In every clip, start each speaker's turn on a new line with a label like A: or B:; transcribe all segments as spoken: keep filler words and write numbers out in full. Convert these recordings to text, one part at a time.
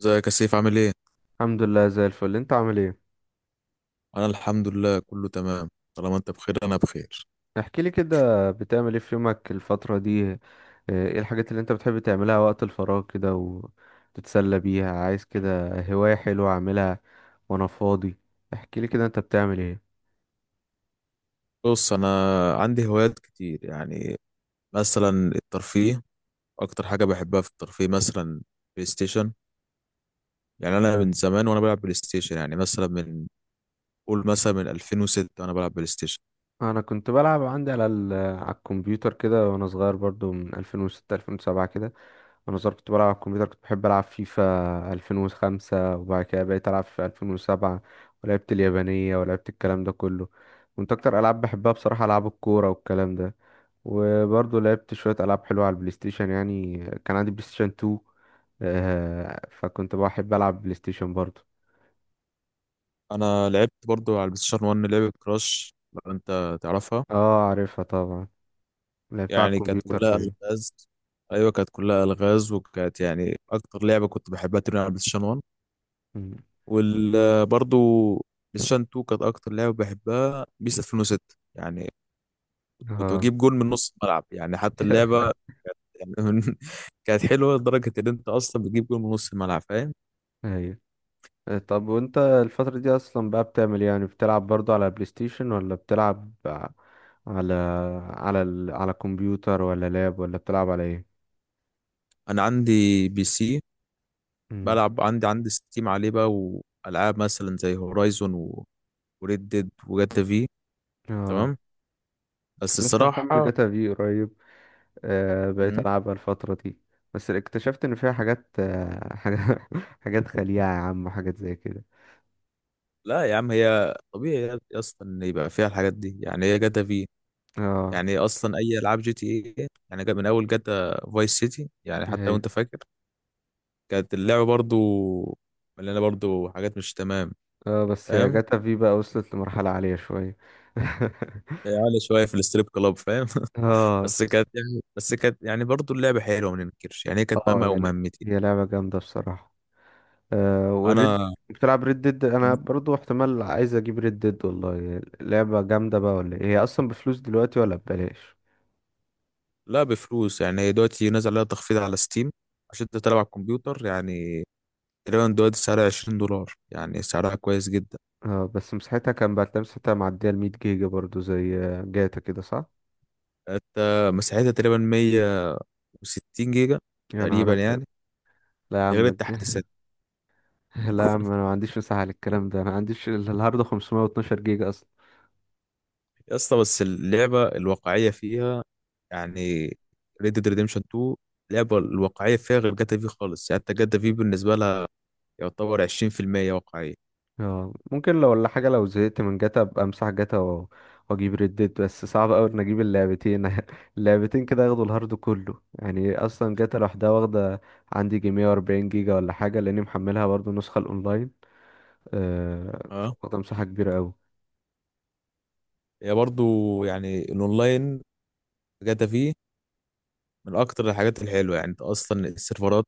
A: ازيك يا سيف؟ عامل ايه؟
B: الحمد لله زي الفل، انت عامل ايه؟
A: انا الحمد لله، كله تمام. طالما انت بخير انا بخير.
B: احكي لي كده بتعمل ايه في يومك الفترة دي اه، ايه الحاجات اللي انت بتحب تعملها وقت الفراغ كده وتتسلى بيها؟ عايز كده هواية حلوة اعملها وانا فاضي. احكي لي كده انت بتعمل ايه؟
A: بص، انا عندي هوايات كتير يعني. مثلا الترفيه، اكتر حاجة بحبها في الترفيه مثلا بلاي ستيشن. يعني انا من زمان وانا بلعب بلاي ستيشن، يعني مثلا من قول مثلا من ألفين وستة وانا بلعب بلاي ستيشن.
B: انا كنت بلعب عندي على ال- على الكمبيوتر كده وانا صغير برضو من ألفين وستة ألفين وسبعة كده. وانا صغير كنت بلعب على الكمبيوتر، كنت بحب العب فيفا ألفين وخمسة، وبعد كده بقيت العب في ألفين وسبعة. ولعبت اليابانية ولعبت الكلام ده كله. كنت اكتر العاب بحبها بصراحة العاب الكورة والكلام ده. وبرضه لعبت شوية العاب حلوة على البلاي ستيشن يعني. كان عندي بلاي ستيشن اتنين. آه، فكنت بحب العب بلاي ستيشن برضه.
A: انا لعبت برضو على البلاي ستيشن واحد لعبة كراش، لو انت تعرفها.
B: اه، عارفها طبعا. لعبتها على
A: يعني كانت
B: الكمبيوتر
A: كلها
B: باين.
A: الغاز. ايوه، كانت كلها الغاز، وكانت يعني اكتر لعبة كنت بحبها تلعب على البلاي ستيشن.
B: مم.
A: وبرضو بلايستيشن اتنين كانت اكتر لعبه بحبها، بيس ألفين وستة يعني. كنت
B: اه.
A: بجيب جول من نص الملعب، يعني حتى اللعبه يعني من- كانت حلوه لدرجه ان انت اصلا بتجيب جول من نص الملعب، فاهم.
B: ايوه. آه، طب وانت الفترة دي اصلا بقى بتعمل إيه؟ يعني بتلعب برضو على بلاي ستيشن ولا بتلعب ع- على على ال... على كمبيوتر ولا لاب ولا بتلعب على ايه؟
A: انا عندي بي سي،
B: مم.
A: بلعب عندي عندي ستيم عليه بقى. والعاب مثلا زي هورايزون و... وريد ديد وجاتا في،
B: اه.
A: تمام. بس
B: لسه محمل
A: الصراحه
B: جاتا في قريب. آه بقيت
A: مم.
B: العبها الفترة دي. بس اكتشفت ان فيها حاجات آه حاجات حاجات خليعة يا عم، وحاجات زي كده.
A: لا يا عم، هي طبيعي يا يا اسطى ان يبقى فيها الحاجات دي. يعني هي جاتا في،
B: اه.
A: يعني اصلا اي العاب جي تي اي، يعني جا- من اول جاتا فايس سيتي، يعني حتى لو
B: ايوه.
A: انت فاكر، كانت اللعبه برضو مليانه برضو حاجات مش تمام.
B: اه، بس يا
A: فاهم،
B: جاتا في بقى وصلت لمرحلة عالية شوية.
A: يعني عالية شويه في الستريب كلاب، فاهم
B: اه.
A: بس كانت يعني بس كانت يعني برضو اللعبه حلوه، ما ننكرش. يعني هي كانت
B: اه
A: مهمه او
B: يا ل-
A: مهمتي.
B: هي لعبة جامدة بصراحة. آه والريد،
A: انا
B: بتلعب ريد ديد؟ انا برضو احتمال عايز اجيب ريد ديد، والله لعبة جامدة بقى ولا إيه؟ هي اصلا بفلوس دلوقتي ولا ببلاش؟
A: لا، بفلوس. يعني هي دلوقتي نازل عليها تخفيض على ستيم، عشان انت تلعب على الكمبيوتر يعني. تقريبا دلوقتي سعرها عشرين دولار، يعني سعرها كويس جدا.
B: اه، بس مساحتها كان بعد مساحتها معدية ال مية جيجا برضو، زي جاتا كده صح؟
A: انت مساحتها تقريبا ميه وستين جيجا
B: يا نهار
A: تقريبا
B: ابيض.
A: يعني،
B: لا يا
A: غير
B: عم الج-
A: التحديثات.
B: لا يا عم، انا ما عنديش مساحة للكلام ده، انا ما عنديش ال- الهارد خمسمية واثنا عشر جيجا اصلا.
A: يا اسطى، بس اللعبه الواقعيه فيها يعني، ريد ديد ريديمشن تو، اللعبه الواقعيه فيها غير جاتا في خالص. يعني حتى جاتا في بالنسبه لها يعتبر عشرين في الميه واقعيه.
B: اه، ممكن لو ولا حاجة لو زهقت من جاتا ابقى امسح جاتا و- واجيب ريدت، بس صعب اوي ان اجيب اللعبتين. اللعبتين كده ياخدوا الهارد كله، يعني اصلا جاتا لوحدها واخدة عندي جي مية واربعين جيجا ولا حاجة، لاني محملها برضو النسخة الاونلاين. آه
A: اه.
B: فاخدة مساحة كبيرة اوي.
A: هي برضو يعني الاونلاين، جاتا في من اكتر الحاجات الحلوه. يعني انت اصلا السيرفرات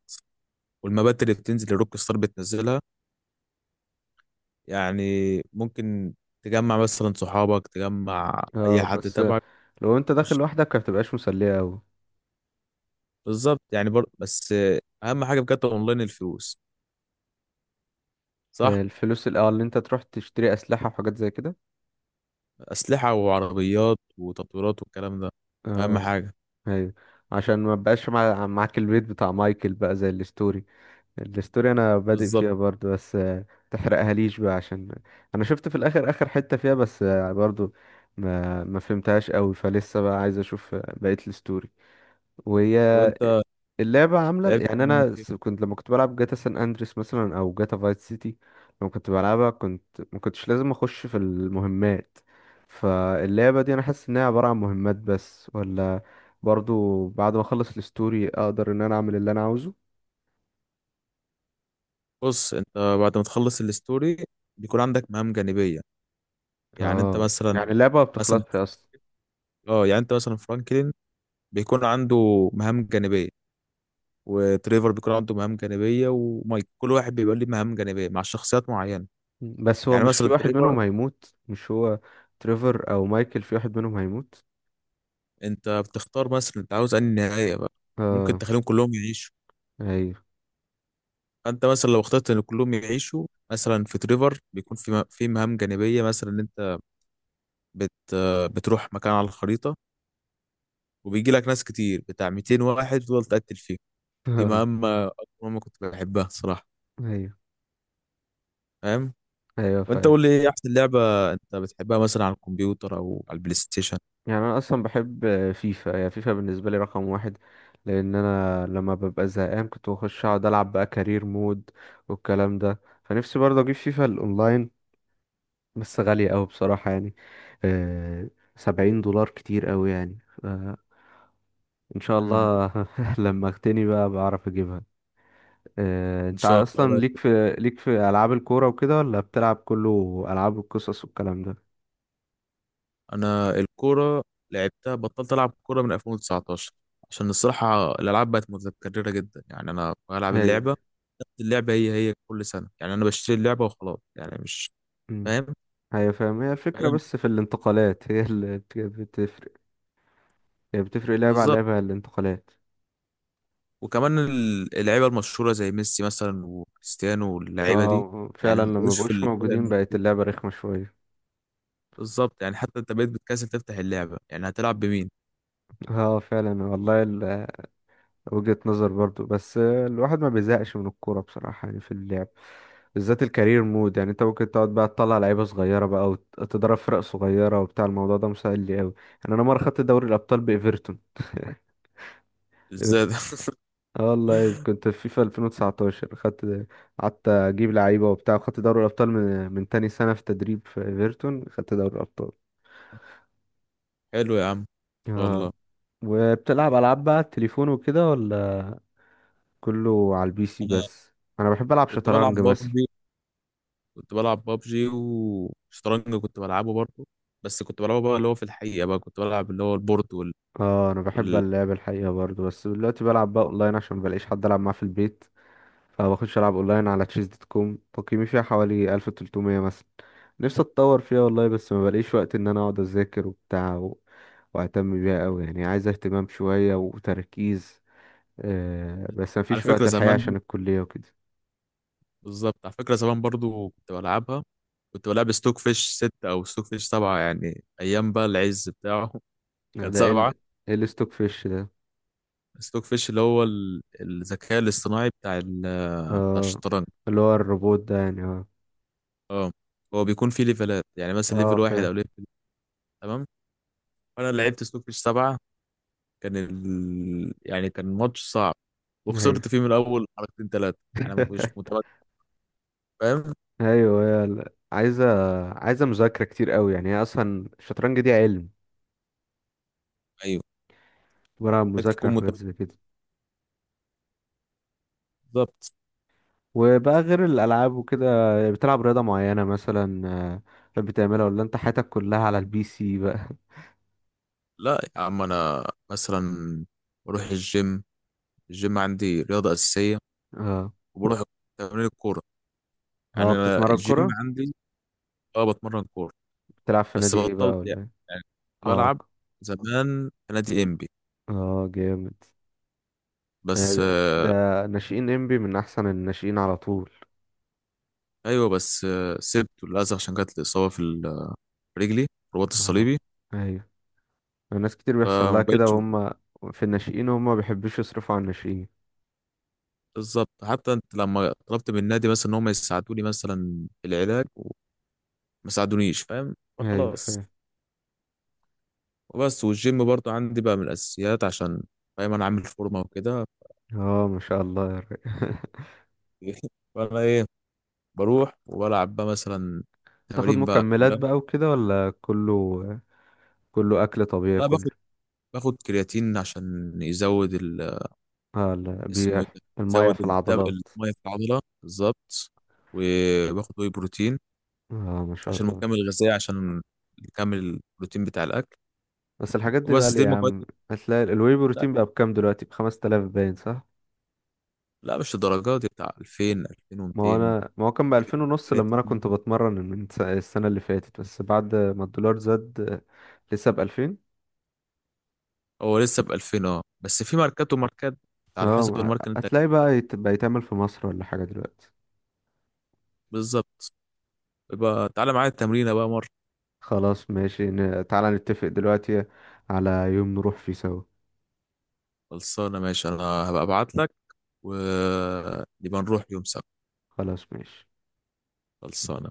A: والمبات اللي بتنزل الروك ستار بتنزلها، يعني ممكن تجمع مثلا صحابك، تجمع اي
B: اه،
A: حد
B: بس
A: تبعك.
B: لو انت داخل
A: مش-
B: لوحدك ما بتبقاش مسلية اوي.
A: بالظبط يعني بر... بس اهم حاجه في جاتا اونلاين الفلوس،
B: آه،
A: صح.
B: الفلوس الاول اللي انت تروح تشتري اسلحة وحاجات زي كده.
A: أسلحة وعربيات وتطويرات والكلام ده أهم
B: اه.
A: حاجة.
B: ايوه. عشان ما بقاش مع... معاك البيت بتاع مايكل بقى، زي الستوري. الستوري انا بادئ
A: بالظبط.
B: فيها برضو بس آه، تحرقها ليش بقى؟ عشان انا شفت في الاخر اخر حتة فيها، بس آه، برضو ما ما فهمتهاش قوي، فلسه بقى عايز اشوف آه، بقية الستوري. وهي
A: لو أنت
B: اللعبة عاملة
A: لعبت
B: يعني انا
A: كوميونيتي-
B: س- كنت لما كنت بلعب جاتا سان اندريس مثلا او جاتا فايت سيتي، لما كنت بلعبها كنت ما كنتش لازم اخش في المهمات. فاللعبة دي انا حاسس انها عبارة عن مهمات بس، ولا برضو بعد ما اخلص الستوري اقدر ان انا اعمل اللي انا عاوزه؟
A: بص، أنت بعد ما تخلص الستوري بيكون عندك مهام جانبية. يعني أنت
B: اه،
A: مثلا،
B: يعني اللعبة ما
A: مثلا
B: بتخلصش اصلا؟
A: اه، يعني أنت مثلا فرانكلين بيكون عنده مهام جانبية، وتريفر بيكون عنده مهام جانبية، ومايك، كل واحد بيبقى ليه مهام جانبية مع شخصيات معينة.
B: بس هو
A: يعني
B: مش
A: مثلا
B: في واحد
A: تريفر،
B: منهم هيموت؟ مش هو تريفر او مايكل، في واحد منهم هيموت؟
A: أنت بتختار مثلا أنت عاوز أنهي نهاية بقى. ممكن
B: اه.
A: تخليهم كلهم يعيشوا.
B: ايوه.
A: انت مثلا لو اخترت ان كلهم يعيشوا، مثلا في تريفر بيكون في م- في مهام جانبيه، مثلا ان انت بت بتروح مكان على الخريطه، وبيجي لك ناس كتير بتاع ميتين واحد تفضل تقتل فيهم. دي مهمه، اكتر مهمه كنت بحبها صراحه،
B: ايوه.
A: فاهم.
B: ايوه
A: وانت
B: فاهم.
A: قول لي ايه احسن لعبه انت بتحبها مثلا على الكمبيوتر او على البلاي ستيشن؟
B: يعني انا اصلا بحب فيفا. هي فيفا بالنسبه لي رقم واحد، لان انا لما ببقى زهقان كنت بخش اقعد العب بقى كارير مود والكلام ده. فنفسي برضه اجيب فيفا الاونلاين، بس غاليه أوي بصراحه يعني. آه سبعين دولار كتير أوي يعني. آه ان شاء
A: امم
B: الله. لما اغتني بقى بعرف اجيبها. آه،
A: ان
B: انت
A: شاء
B: اصلا
A: الله.
B: ليك في ليك في العاب الكوره وكده، ولا بتلعب كله العاب القصص والكلام ده؟
A: انا الكوره لعبتها، بطلت العب كوره من ألفين وتسعتاشر، عشان الصراحه الالعاب بقت متكرره جدا. يعني انا بلعب
B: هي،
A: اللعبه، نفس اللعبه هي هي كل سنه. يعني انا بشتري اللعبه وخلاص، يعني مش
B: مم.
A: فاهم.
B: هي فاهم، هي الفكره
A: فاهم،
B: بس في الانتقالات. هي اللي بت- بتفرق. هي بتفرق لعبه على
A: بالظبط.
B: لعبه، الانتقالات.
A: وكمان ال- اللعيبه المشهوره زي ميسي مثلا وكريستيانو واللعيبه دي،
B: اه
A: يعني
B: فعلا،
A: ما
B: لما
A: بقوش في
B: بقوش
A: الفرق.
B: موجودين
A: الم-
B: بقت اللعبه رخمه شويه.
A: بالظبط، يعني حتى انت بقيت بتكسل تفتح اللعبه، يعني هتلعب بمين؟
B: اه فعلا والله. وجهة نظر برضو، بس الواحد ما بيزهقش من الكورة بصراحة يعني في اللعب بالذات الكارير مود. يعني انت ممكن تقعد بقى تطلع لعيبة صغيرة بقى وتضرب فرق صغيرة وبتاع، الموضوع ده مسهل لي قوي. يعني انا مرة خدت دوري الابطال بايفرتون.
A: ازاي ده
B: ايفرتون. اه والله كنت في فيفا ألفين وتسعتاشر، خدت قعدت اجيب لعيبة وبتاع، وخدت دوري الابطال من من تاني سنة في تدريب في ايفرتون، خدت دوري الابطال.
A: حلو يا عم،
B: اه.
A: والله.
B: وبتلعب العاب بقى على التليفون وكده ولا كله على البي سي
A: انا
B: بس؟ انا بحب العب
A: كنت بلعب
B: شطرنج مثلا.
A: بابجي، كنت بلعب بابجي وشطرنج كنت بلعبه برضه. بس كنت بلعبه بقى، اللي هو في الحقيقة بقى كنت بلعب اللي هو البورد وال...
B: اه، انا بحب
A: وال...
B: اللعب الحقيقه برضو، بس دلوقتي بلعب بقى اونلاين عشان مبلاقيش حد العب معاه في البيت. فبخش العب اونلاين على تشيز دوت كوم، تقييمي فيها حوالي ألف وتلتمية مثلا. نفسي اتطور فيها والله، بس مبلاقيش وقت ان انا اقعد اذاكر وبتاع و... واهتم بيها قوي. يعني عايز اهتمام شويه وتركيز، آه بس
A: على
B: مفيش
A: فكرة
B: وقت الحقيقه
A: زمان،
B: عشان الكليه وكده.
A: بالظبط على فكرة زمان برضه كنت بلعبها. كنت بلعب ستوك فيش ستة أو ستوك فيش سبعة، يعني أيام بقى العز بتاعه كان
B: ده ايه
A: سبعة.
B: ال... ايه الستوك فيش ده؟
A: ستوك فيش اللي هو ال- الذكاء الاصطناعي بتاع ال... بتاع
B: اه،
A: الشطرنج.
B: اللي هو الروبوت ده يعني، اه.
A: اه. هو بيكون فيه ليفلات، يعني مثلا
B: اه،
A: ليفل واحد
B: فاهم.
A: أو ليفل. تمام. فأنا لعبت ستوك فيش سبعة، كان ال... يعني كان ماتش صعب،
B: ايوه.
A: وخسرت فيه من الاول حركتين ثلاثه. انا ما كنتش متمكن، فاهم.
B: ايوه، هي ال- عايزه عايزه مذاكره كتير قوي. يعني هي اصلا الشطرنج دي علم،
A: ايوه،
B: عباره عن
A: محتاج
B: مذاكره
A: تكون
B: وحاجات
A: متمكن،
B: زي كده.
A: بالظبط.
B: وبقى غير الالعاب وكده، بتلعب رياضه معينه مثلا آه، بتحب تعملها؟ ولا انت حياتك كلها على البي سي بقى؟
A: لا يا عم، انا مثلا بروح الجيم. الجيم عندي رياضه اساسيه.
B: اه.
A: وبروح تمرين الكوره،
B: اه
A: يعني انا
B: بتتمرن كوره؟
A: الجيم عندي. اه، بتمرن كوره.
B: بتلعب في
A: بس
B: نادي ايه بقى
A: بطلت
B: ولا
A: يعني،
B: إيه؟
A: يعني كنت
B: اه
A: بلعب
B: ك-
A: زمان في نادي انبي،
B: اه جامد.
A: بس
B: آه،
A: آه،
B: ده ناشئين انبي من احسن الناشئين على طول.
A: ايوه بس آه، سبته للاسف عشان جات لي اصابه في ال- في رجلي، رباط
B: اه
A: الصليبي.
B: ايوه. ناس كتير بيحصل
A: فما
B: لها كده
A: بقتش.
B: وهم في الناشئين، وهم ما بيحبوش يصرفوا على الناشئين.
A: بالظبط، حتى انت لما طلبت من النادي مثلا ان هم يساعدوني مثلا في العلاج، وما ساعدونيش، فاهم، فخلاص.
B: ايوه.
A: وبس، والجيم برضو عندي بقى من الاساسيات، عشان فاهم انا عامل فورمه وكده
B: اه، ما شاء الله يا ري.
A: فانا ايه، بروح وبلعب بقى مثلا
B: بتاخد
A: تمارين بقى
B: مكملات
A: كلها.
B: بقى وكده ولا كله كله اكل طبيعي
A: لا،
B: كله؟
A: باخد باخد كرياتين عشان يزود ال...
B: اه، لا
A: اسمه ايه
B: بيح
A: ده؟
B: الميه
A: يزود
B: في
A: الدم،
B: العضلات.
A: الميه في العضله، بالظبط. وباخد واي بروتين
B: اه، ما شاء
A: عشان
B: الله.
A: مكمل غذائي، عشان نكمل البروتين بتاع الاكل.
B: بس الحاجات دي
A: وبس
B: غالية
A: دي
B: يا
A: المكونات.
B: عم، هتلاقي ال- الواي بروتين بقى بكام دلوقتي؟ ب خمس تلاف باين، صح؟
A: لا، مش الدرجات دي، بتاع ألفين
B: ما هو
A: ألفين ومتين.
B: انا ما هو كان ب ألفين ونص لما انا
A: جيلاتين.
B: كنت بتمرن من س- السنة اللي فاتت، بس بعد ما الدولار زاد آه، لسه ب ألفين.
A: هو لسه ب ألفين. اه، بس في ماركات وماركات، انت على
B: اه
A: حسب
B: ما-
A: الماركة اللي انت.
B: هتلاقي بقى يت- بقى يتعمل في مصر ولا حاجة دلوقتي؟
A: بالظبط. يبقى تعالى معايا التمرينة بقى مرة.
B: خلاص ماشي ن- تعالى نتفق دلوقتي على يوم نروح فيه سوا.
A: خلصانة، ماشي. انا هبقى ابعت لك ونبقى نروح يوم سبت.
B: خلاص ماشي.
A: خلصانة.